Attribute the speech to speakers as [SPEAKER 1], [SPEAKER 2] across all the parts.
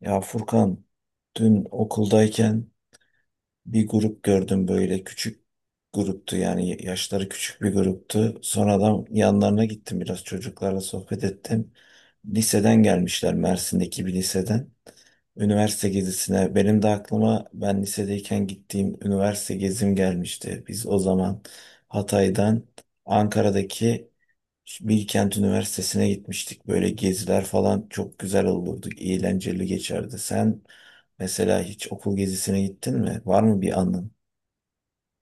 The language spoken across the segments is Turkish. [SPEAKER 1] Ya Furkan, dün okuldayken bir grup gördüm, böyle küçük gruptu, yani yaşları küçük bir gruptu. Sonradan yanlarına gittim, biraz çocuklarla sohbet ettim. Liseden gelmişler, Mersin'deki bir liseden. Üniversite gezisine benim de aklıma ben lisedeyken gittiğim üniversite gezim gelmişti. Biz o zaman Hatay'dan Ankara'daki Bilkent Üniversitesi'ne gitmiştik. Böyle geziler falan çok güzel olurdu. Eğlenceli geçerdi. Sen mesela hiç okul gezisine gittin mi? Var mı bir anın?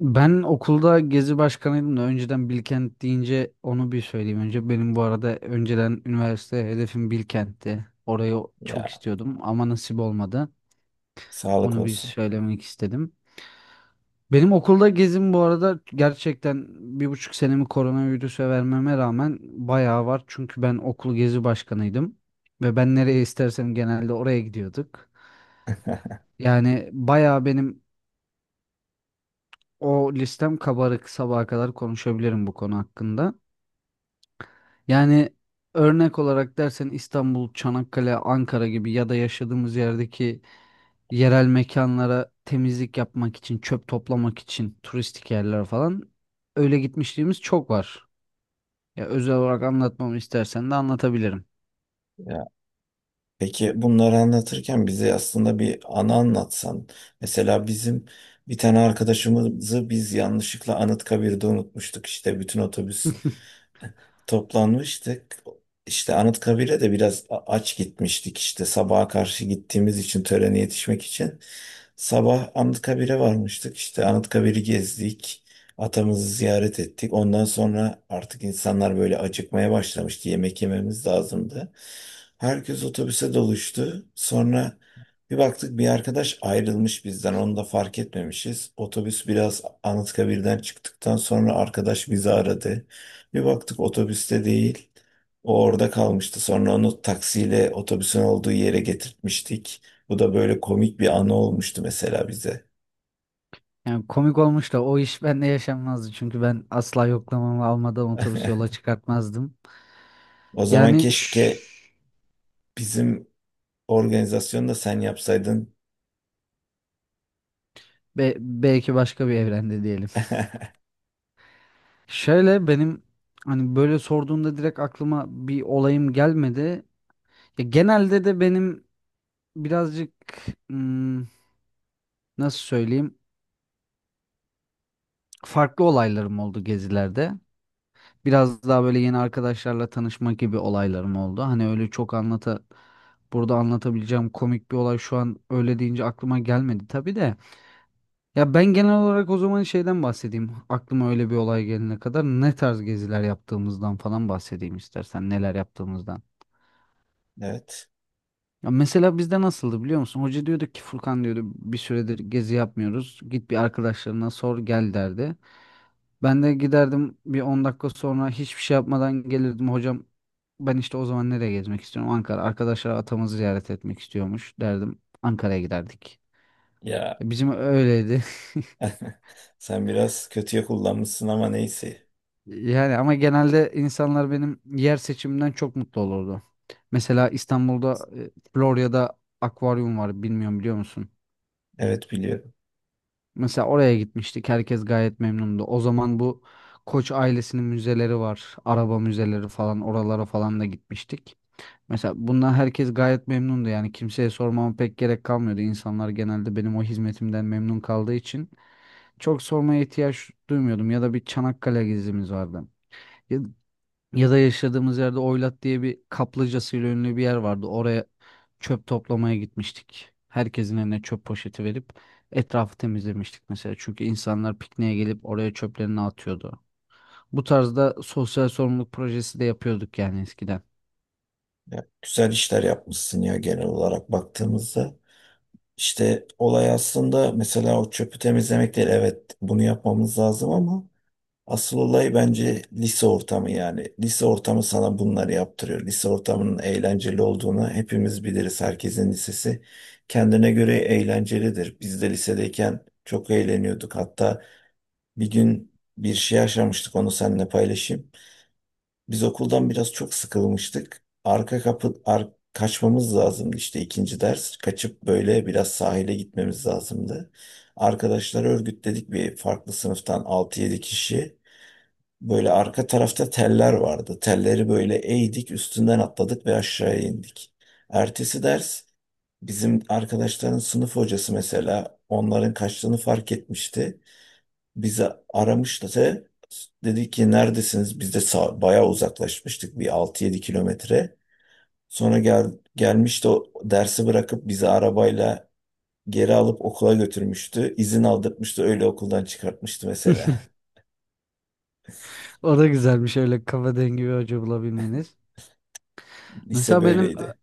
[SPEAKER 2] Ben okulda gezi başkanıydım da önceden Bilkent deyince onu bir söyleyeyim önce. Benim bu arada önceden üniversite hedefim Bilkent'ti. Orayı çok
[SPEAKER 1] Ya,
[SPEAKER 2] istiyordum ama nasip olmadı.
[SPEAKER 1] sağlık
[SPEAKER 2] Onu bir
[SPEAKER 1] olsun.
[SPEAKER 2] söylemek istedim. Benim okulda gezim bu arada gerçekten 1,5 senemi koronavirüse vermeme rağmen bayağı var. Çünkü ben okul gezi başkanıydım. Ve ben nereye istersem genelde oraya gidiyorduk. Yani bayağı benim o listem kabarık sabaha kadar konuşabilirim bu konu hakkında. Yani örnek olarak dersen İstanbul, Çanakkale, Ankara gibi ya da yaşadığımız yerdeki yerel mekanlara temizlik yapmak için, çöp toplamak için turistik yerler falan öyle gitmişliğimiz çok var. Ya özel olarak anlatmamı istersen de anlatabilirim.
[SPEAKER 1] Ya, peki bunları anlatırken bize aslında bir anı anlatsan. Mesela bizim bir tane arkadaşımızı biz yanlışlıkla Anıtkabir'de unutmuştuk. İşte bütün otobüs toplanmıştık. İşte Anıtkabir'e de biraz aç gitmiştik, işte sabaha karşı gittiğimiz için törene yetişmek için. Sabah Anıtkabir'e varmıştık. İşte Anıtkabir'i gezdik. Atamızı ziyaret ettik. Ondan sonra artık insanlar böyle acıkmaya başlamıştı. Yemek yememiz lazımdı. Herkes otobüse doluştu. Sonra bir baktık, bir arkadaş ayrılmış bizden. Onu da fark etmemişiz. Otobüs biraz Anıtkabir'den çıktıktan sonra arkadaş bizi aradı. Bir baktık, otobüste değil. O orada kalmıştı. Sonra onu taksiyle otobüsün olduğu yere getirtmiştik. Bu da böyle komik bir anı olmuştu mesela bize.
[SPEAKER 2] Yani komik olmuş da o iş bende yaşanmazdı çünkü ben asla yoklamamı almadan otobüs yola çıkartmazdım.
[SPEAKER 1] O zaman
[SPEAKER 2] Yani şş,
[SPEAKER 1] keşke bizim organizasyonu da sen yapsaydın.
[SPEAKER 2] Belki başka bir evrende diyelim. Şöyle benim hani böyle sorduğunda direkt aklıma bir olayım gelmedi. Ya genelde de benim birazcık hmm, nasıl söyleyeyim farklı olaylarım oldu gezilerde. Biraz daha böyle yeni arkadaşlarla tanışma gibi olaylarım oldu. Hani öyle çok anlata burada anlatabileceğim komik bir olay şu an öyle deyince aklıma gelmedi tabii de. Ya ben genel olarak o zaman şeyden bahsedeyim. Aklıma öyle bir olay gelene kadar ne tarz geziler yaptığımızdan falan bahsedeyim istersen neler yaptığımızdan.
[SPEAKER 1] Evet.
[SPEAKER 2] Ya mesela bizde nasıldı biliyor musun? Hoca diyordu ki Furkan diyordu bir süredir gezi yapmıyoruz. Git bir arkadaşlarına sor gel derdi. Ben de giderdim bir 10 dakika sonra hiçbir şey yapmadan gelirdim. Hocam ben işte o zaman nereye gezmek istiyorum? Ankara. Arkadaşlar atamızı ziyaret etmek istiyormuş derdim. Ankara'ya giderdik.
[SPEAKER 1] Ya,
[SPEAKER 2] Bizim öyleydi.
[SPEAKER 1] sen biraz kötüye kullanmışsın ama neyse.
[SPEAKER 2] Yani ama genelde insanlar benim yer seçimimden çok mutlu olurdu. Mesela İstanbul'da Florya'da akvaryum var bilmiyorum biliyor musun?
[SPEAKER 1] Evet, biliyorum.
[SPEAKER 2] Mesela oraya gitmiştik. Herkes gayet memnundu. O zaman bu Koç ailesinin müzeleri var. Araba müzeleri falan oralara falan da gitmiştik. Mesela bundan herkes gayet memnundu. Yani kimseye sormama pek gerek kalmıyordu. İnsanlar genelde benim o hizmetimden memnun kaldığı için çok sormaya ihtiyaç duymuyordum. Ya da bir Çanakkale gezimiz vardı. Ya da yaşadığımız yerde Oylat diye bir kaplıcasıyla ünlü bir yer vardı. Oraya çöp toplamaya gitmiştik. Herkesin eline çöp poşeti verip etrafı temizlemiştik mesela. Çünkü insanlar pikniğe gelip oraya çöplerini atıyordu. Bu tarzda sosyal sorumluluk projesi de yapıyorduk yani eskiden.
[SPEAKER 1] Ya, güzel işler yapmışsın ya, genel olarak baktığımızda. İşte olay aslında mesela o çöpü temizlemek değil. Evet, bunu yapmamız lazım, ama asıl olay bence lise ortamı, yani. Lise ortamı sana bunları yaptırıyor. Lise ortamının eğlenceli olduğunu hepimiz biliriz. Herkesin lisesi kendine göre eğlencelidir. Biz de lisedeyken çok eğleniyorduk. Hatta bir gün bir şey yaşamıştık, onu seninle paylaşayım. Biz okuldan biraz çok sıkılmıştık. Kaçmamız lazımdı işte, ikinci ders. Kaçıp böyle biraz sahile gitmemiz lazımdı. Arkadaşları örgütledik, bir farklı sınıftan altı yedi kişi. Böyle arka tarafta teller vardı. Telleri böyle eğdik, üstünden atladık ve aşağıya indik. Ertesi ders bizim arkadaşların sınıf hocası mesela onların kaçtığını fark etmişti. Bizi aramıştı da dedi ki neredesiniz? Biz de bayağı uzaklaşmıştık, bir 6-7 kilometre. Sonra gelmişti, o dersi bırakıp bizi arabayla geri alıp okula götürmüştü. İzin aldırtmıştı, öyle okuldan çıkartmıştı mesela.
[SPEAKER 2] O da güzelmiş öyle kafa dengi bir hoca bulabilmeniz.
[SPEAKER 1] Lise
[SPEAKER 2] Mesela benim
[SPEAKER 1] böyleydi.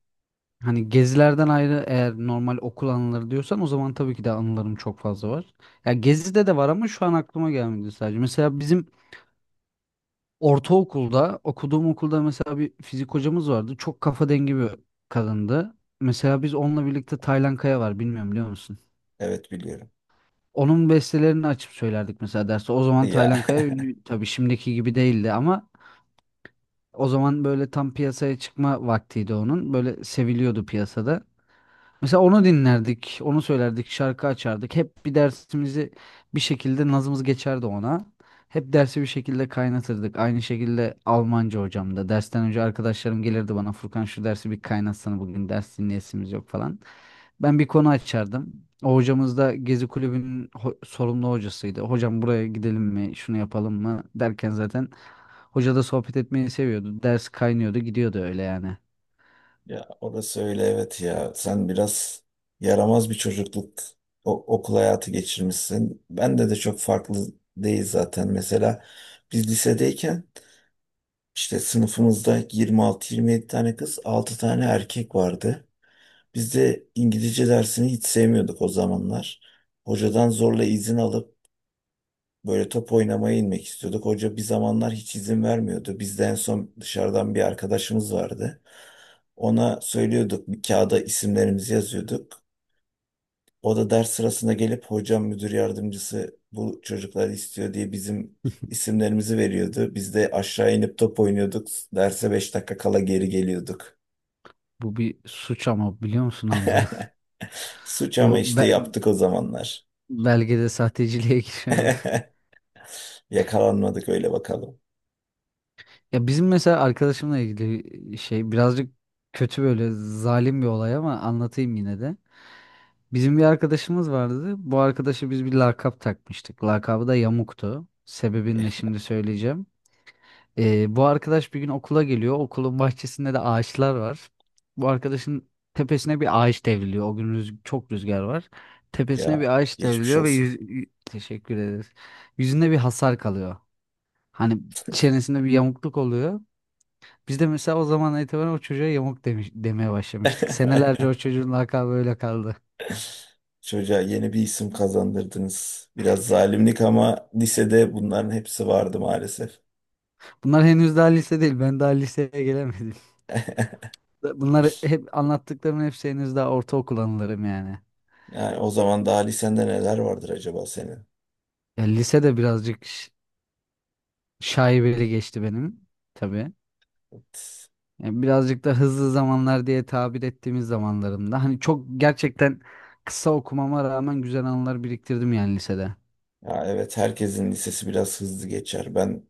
[SPEAKER 2] hani gezilerden ayrı eğer normal okul anıları diyorsan o zaman tabii ki de anılarım çok fazla var. Ya gezide de var ama şu an aklıma gelmedi sadece. Mesela bizim ortaokulda okuduğum okulda mesela bir fizik hocamız vardı. Çok kafa dengi bir kadındı. Mesela biz onunla birlikte Taylan Kaya var bilmiyorum biliyor musun?
[SPEAKER 1] Evet, biliyorum.
[SPEAKER 2] Onun bestelerini açıp söylerdik mesela derste. O zaman Taylan
[SPEAKER 1] Ya,
[SPEAKER 2] Kaya ünlü tabii şimdiki gibi değildi ama o zaman böyle tam piyasaya çıkma vaktiydi onun. Böyle seviliyordu piyasada. Mesela onu dinlerdik, onu söylerdik, şarkı açardık. Hep bir dersimizi bir şekilde nazımız geçerdi ona. Hep dersi bir şekilde kaynatırdık. Aynı şekilde Almanca hocam da. Dersten önce arkadaşlarım gelirdi bana Furkan şu dersi bir kaynatsana bugün ders dinleyesimiz yok falan. Ben bir konu açardım. O hocamız da Gezi Kulübü'nün sorumlu hocasıydı. Hocam buraya gidelim mi, şunu yapalım mı derken zaten hoca da sohbet etmeyi seviyordu. Ders kaynıyordu, gidiyordu öyle yani.
[SPEAKER 1] ya orası öyle, evet ya. Sen biraz yaramaz bir çocukluk, okul hayatı geçirmişsin. Bende de çok farklı değil zaten. Mesela biz lisedeyken işte sınıfımızda 26-27 tane kız, 6 tane erkek vardı. Biz de İngilizce dersini hiç sevmiyorduk o zamanlar. Hocadan zorla izin alıp böyle top oynamaya inmek istiyorduk. Hoca bir zamanlar hiç izin vermiyordu. Biz de en son dışarıdan bir arkadaşımız vardı. Ona söylüyorduk, bir kağıda isimlerimizi yazıyorduk. O da ders sırasında gelip hocam müdür yardımcısı bu çocukları istiyor diye bizim isimlerimizi veriyordu. Biz de aşağı inip top oynuyorduk. Derse 5 dakika kala geri geliyorduk.
[SPEAKER 2] Bu bir suç ama biliyor musun Hamza?
[SPEAKER 1] Suç ama
[SPEAKER 2] Bu
[SPEAKER 1] işte
[SPEAKER 2] be-
[SPEAKER 1] yaptık o zamanlar.
[SPEAKER 2] Belgede sahteciliğe girer mi?
[SPEAKER 1] Yakalanmadık, öyle bakalım.
[SPEAKER 2] Ya bizim mesela arkadaşımla ilgili şey birazcık kötü böyle zalim bir olay ama anlatayım yine de. Bizim bir arkadaşımız vardı. Bu arkadaşa biz bir lakap takmıştık. Lakabı da Yamuk'tu. Sebebini
[SPEAKER 1] Ya
[SPEAKER 2] de şimdi söyleyeceğim. Bu arkadaş bir gün okula geliyor. Okulun bahçesinde de ağaçlar var. Bu arkadaşın tepesine bir ağaç devriliyor. O gün çok rüzgar var. Tepesine
[SPEAKER 1] ya,
[SPEAKER 2] bir ağaç
[SPEAKER 1] geçmiş
[SPEAKER 2] devriliyor ve
[SPEAKER 1] olsun.
[SPEAKER 2] teşekkür ederiz. Yüzünde bir hasar kalıyor. Hani çenesinde bir yamukluk oluyor. Biz de mesela o zaman itibaren o çocuğa yamuk demeye başlamıştık. Senelerce o çocuğun lakabı öyle kaldı.
[SPEAKER 1] Çocuğa yeni bir isim kazandırdınız. Biraz zalimlik ama lisede bunların hepsi vardı maalesef.
[SPEAKER 2] Bunlar henüz daha lise değil. Ben daha liseye gelemedim. Bunlar hep anlattıklarımın hepsi henüz daha ortaokul anılarım yani.
[SPEAKER 1] Yani o zaman daha lisende neler vardır acaba senin?
[SPEAKER 2] Ya lisede birazcık şaibeli geçti benim tabii. Yani birazcık da hızlı zamanlar diye tabir ettiğimiz zamanlarımda. Hani çok gerçekten kısa okumama rağmen güzel anılar biriktirdim yani lisede.
[SPEAKER 1] Ya evet, herkesin lisesi biraz hızlı geçer. Ben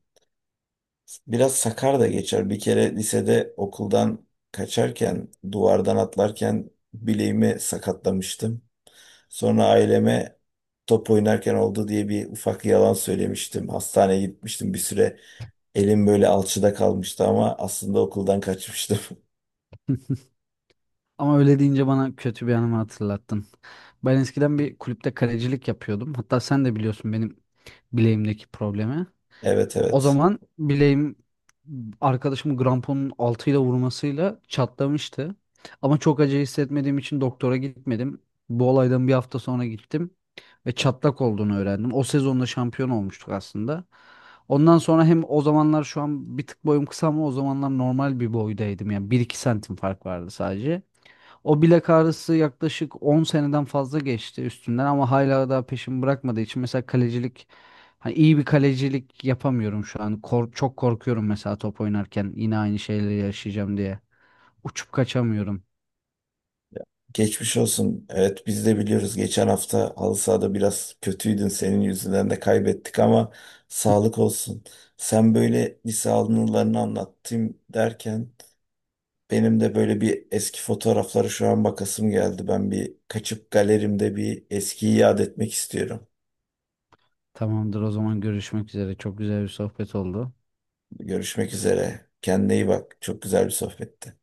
[SPEAKER 1] biraz sakar da geçer. Bir kere lisede okuldan kaçarken, duvardan atlarken bileğimi sakatlamıştım. Sonra aileme top oynarken oldu diye bir ufak yalan söylemiştim. Hastaneye gitmiştim bir süre. Elim böyle alçıda kalmıştı ama aslında okuldan kaçmıştım.
[SPEAKER 2] Ama öyle deyince bana kötü bir anımı hatırlattın. Ben eskiden bir kulüpte kalecilik yapıyordum. Hatta sen de biliyorsun benim bileğimdeki problemi.
[SPEAKER 1] Evet,
[SPEAKER 2] O
[SPEAKER 1] evet.
[SPEAKER 2] zaman bileğim arkadaşımı gramponun altıyla vurmasıyla çatlamıştı. Ama çok acı hissetmediğim için doktora gitmedim. Bu olaydan bir hafta sonra gittim ve çatlak olduğunu öğrendim. O sezonda şampiyon olmuştuk aslında. Ondan sonra hem o zamanlar şu an bir tık boyum kısa ama o zamanlar normal bir boydaydım. Yani 1-2 santim fark vardı sadece. O bilek ağrısı yaklaşık 10 seneden fazla geçti üstünden ama hala daha peşimi bırakmadığı için mesela kalecilik hani iyi bir kalecilik yapamıyorum şu an. Çok korkuyorum mesela top oynarken yine aynı şeyleri yaşayacağım diye. Uçup kaçamıyorum.
[SPEAKER 1] Geçmiş olsun. Evet biz de biliyoruz, geçen hafta halı sahada biraz kötüydün. Senin yüzünden de kaybettik ama sağlık olsun. Sen böyle lise anılarını anlattım derken benim de böyle bir eski fotoğraflara şu an bakasım geldi. Ben bir kaçıp galerimde bir eskiyi yad etmek istiyorum.
[SPEAKER 2] Tamamdır o zaman görüşmek üzere. Çok güzel bir sohbet oldu.
[SPEAKER 1] Görüşmek üzere. Kendine iyi bak. Çok güzel bir sohbetti.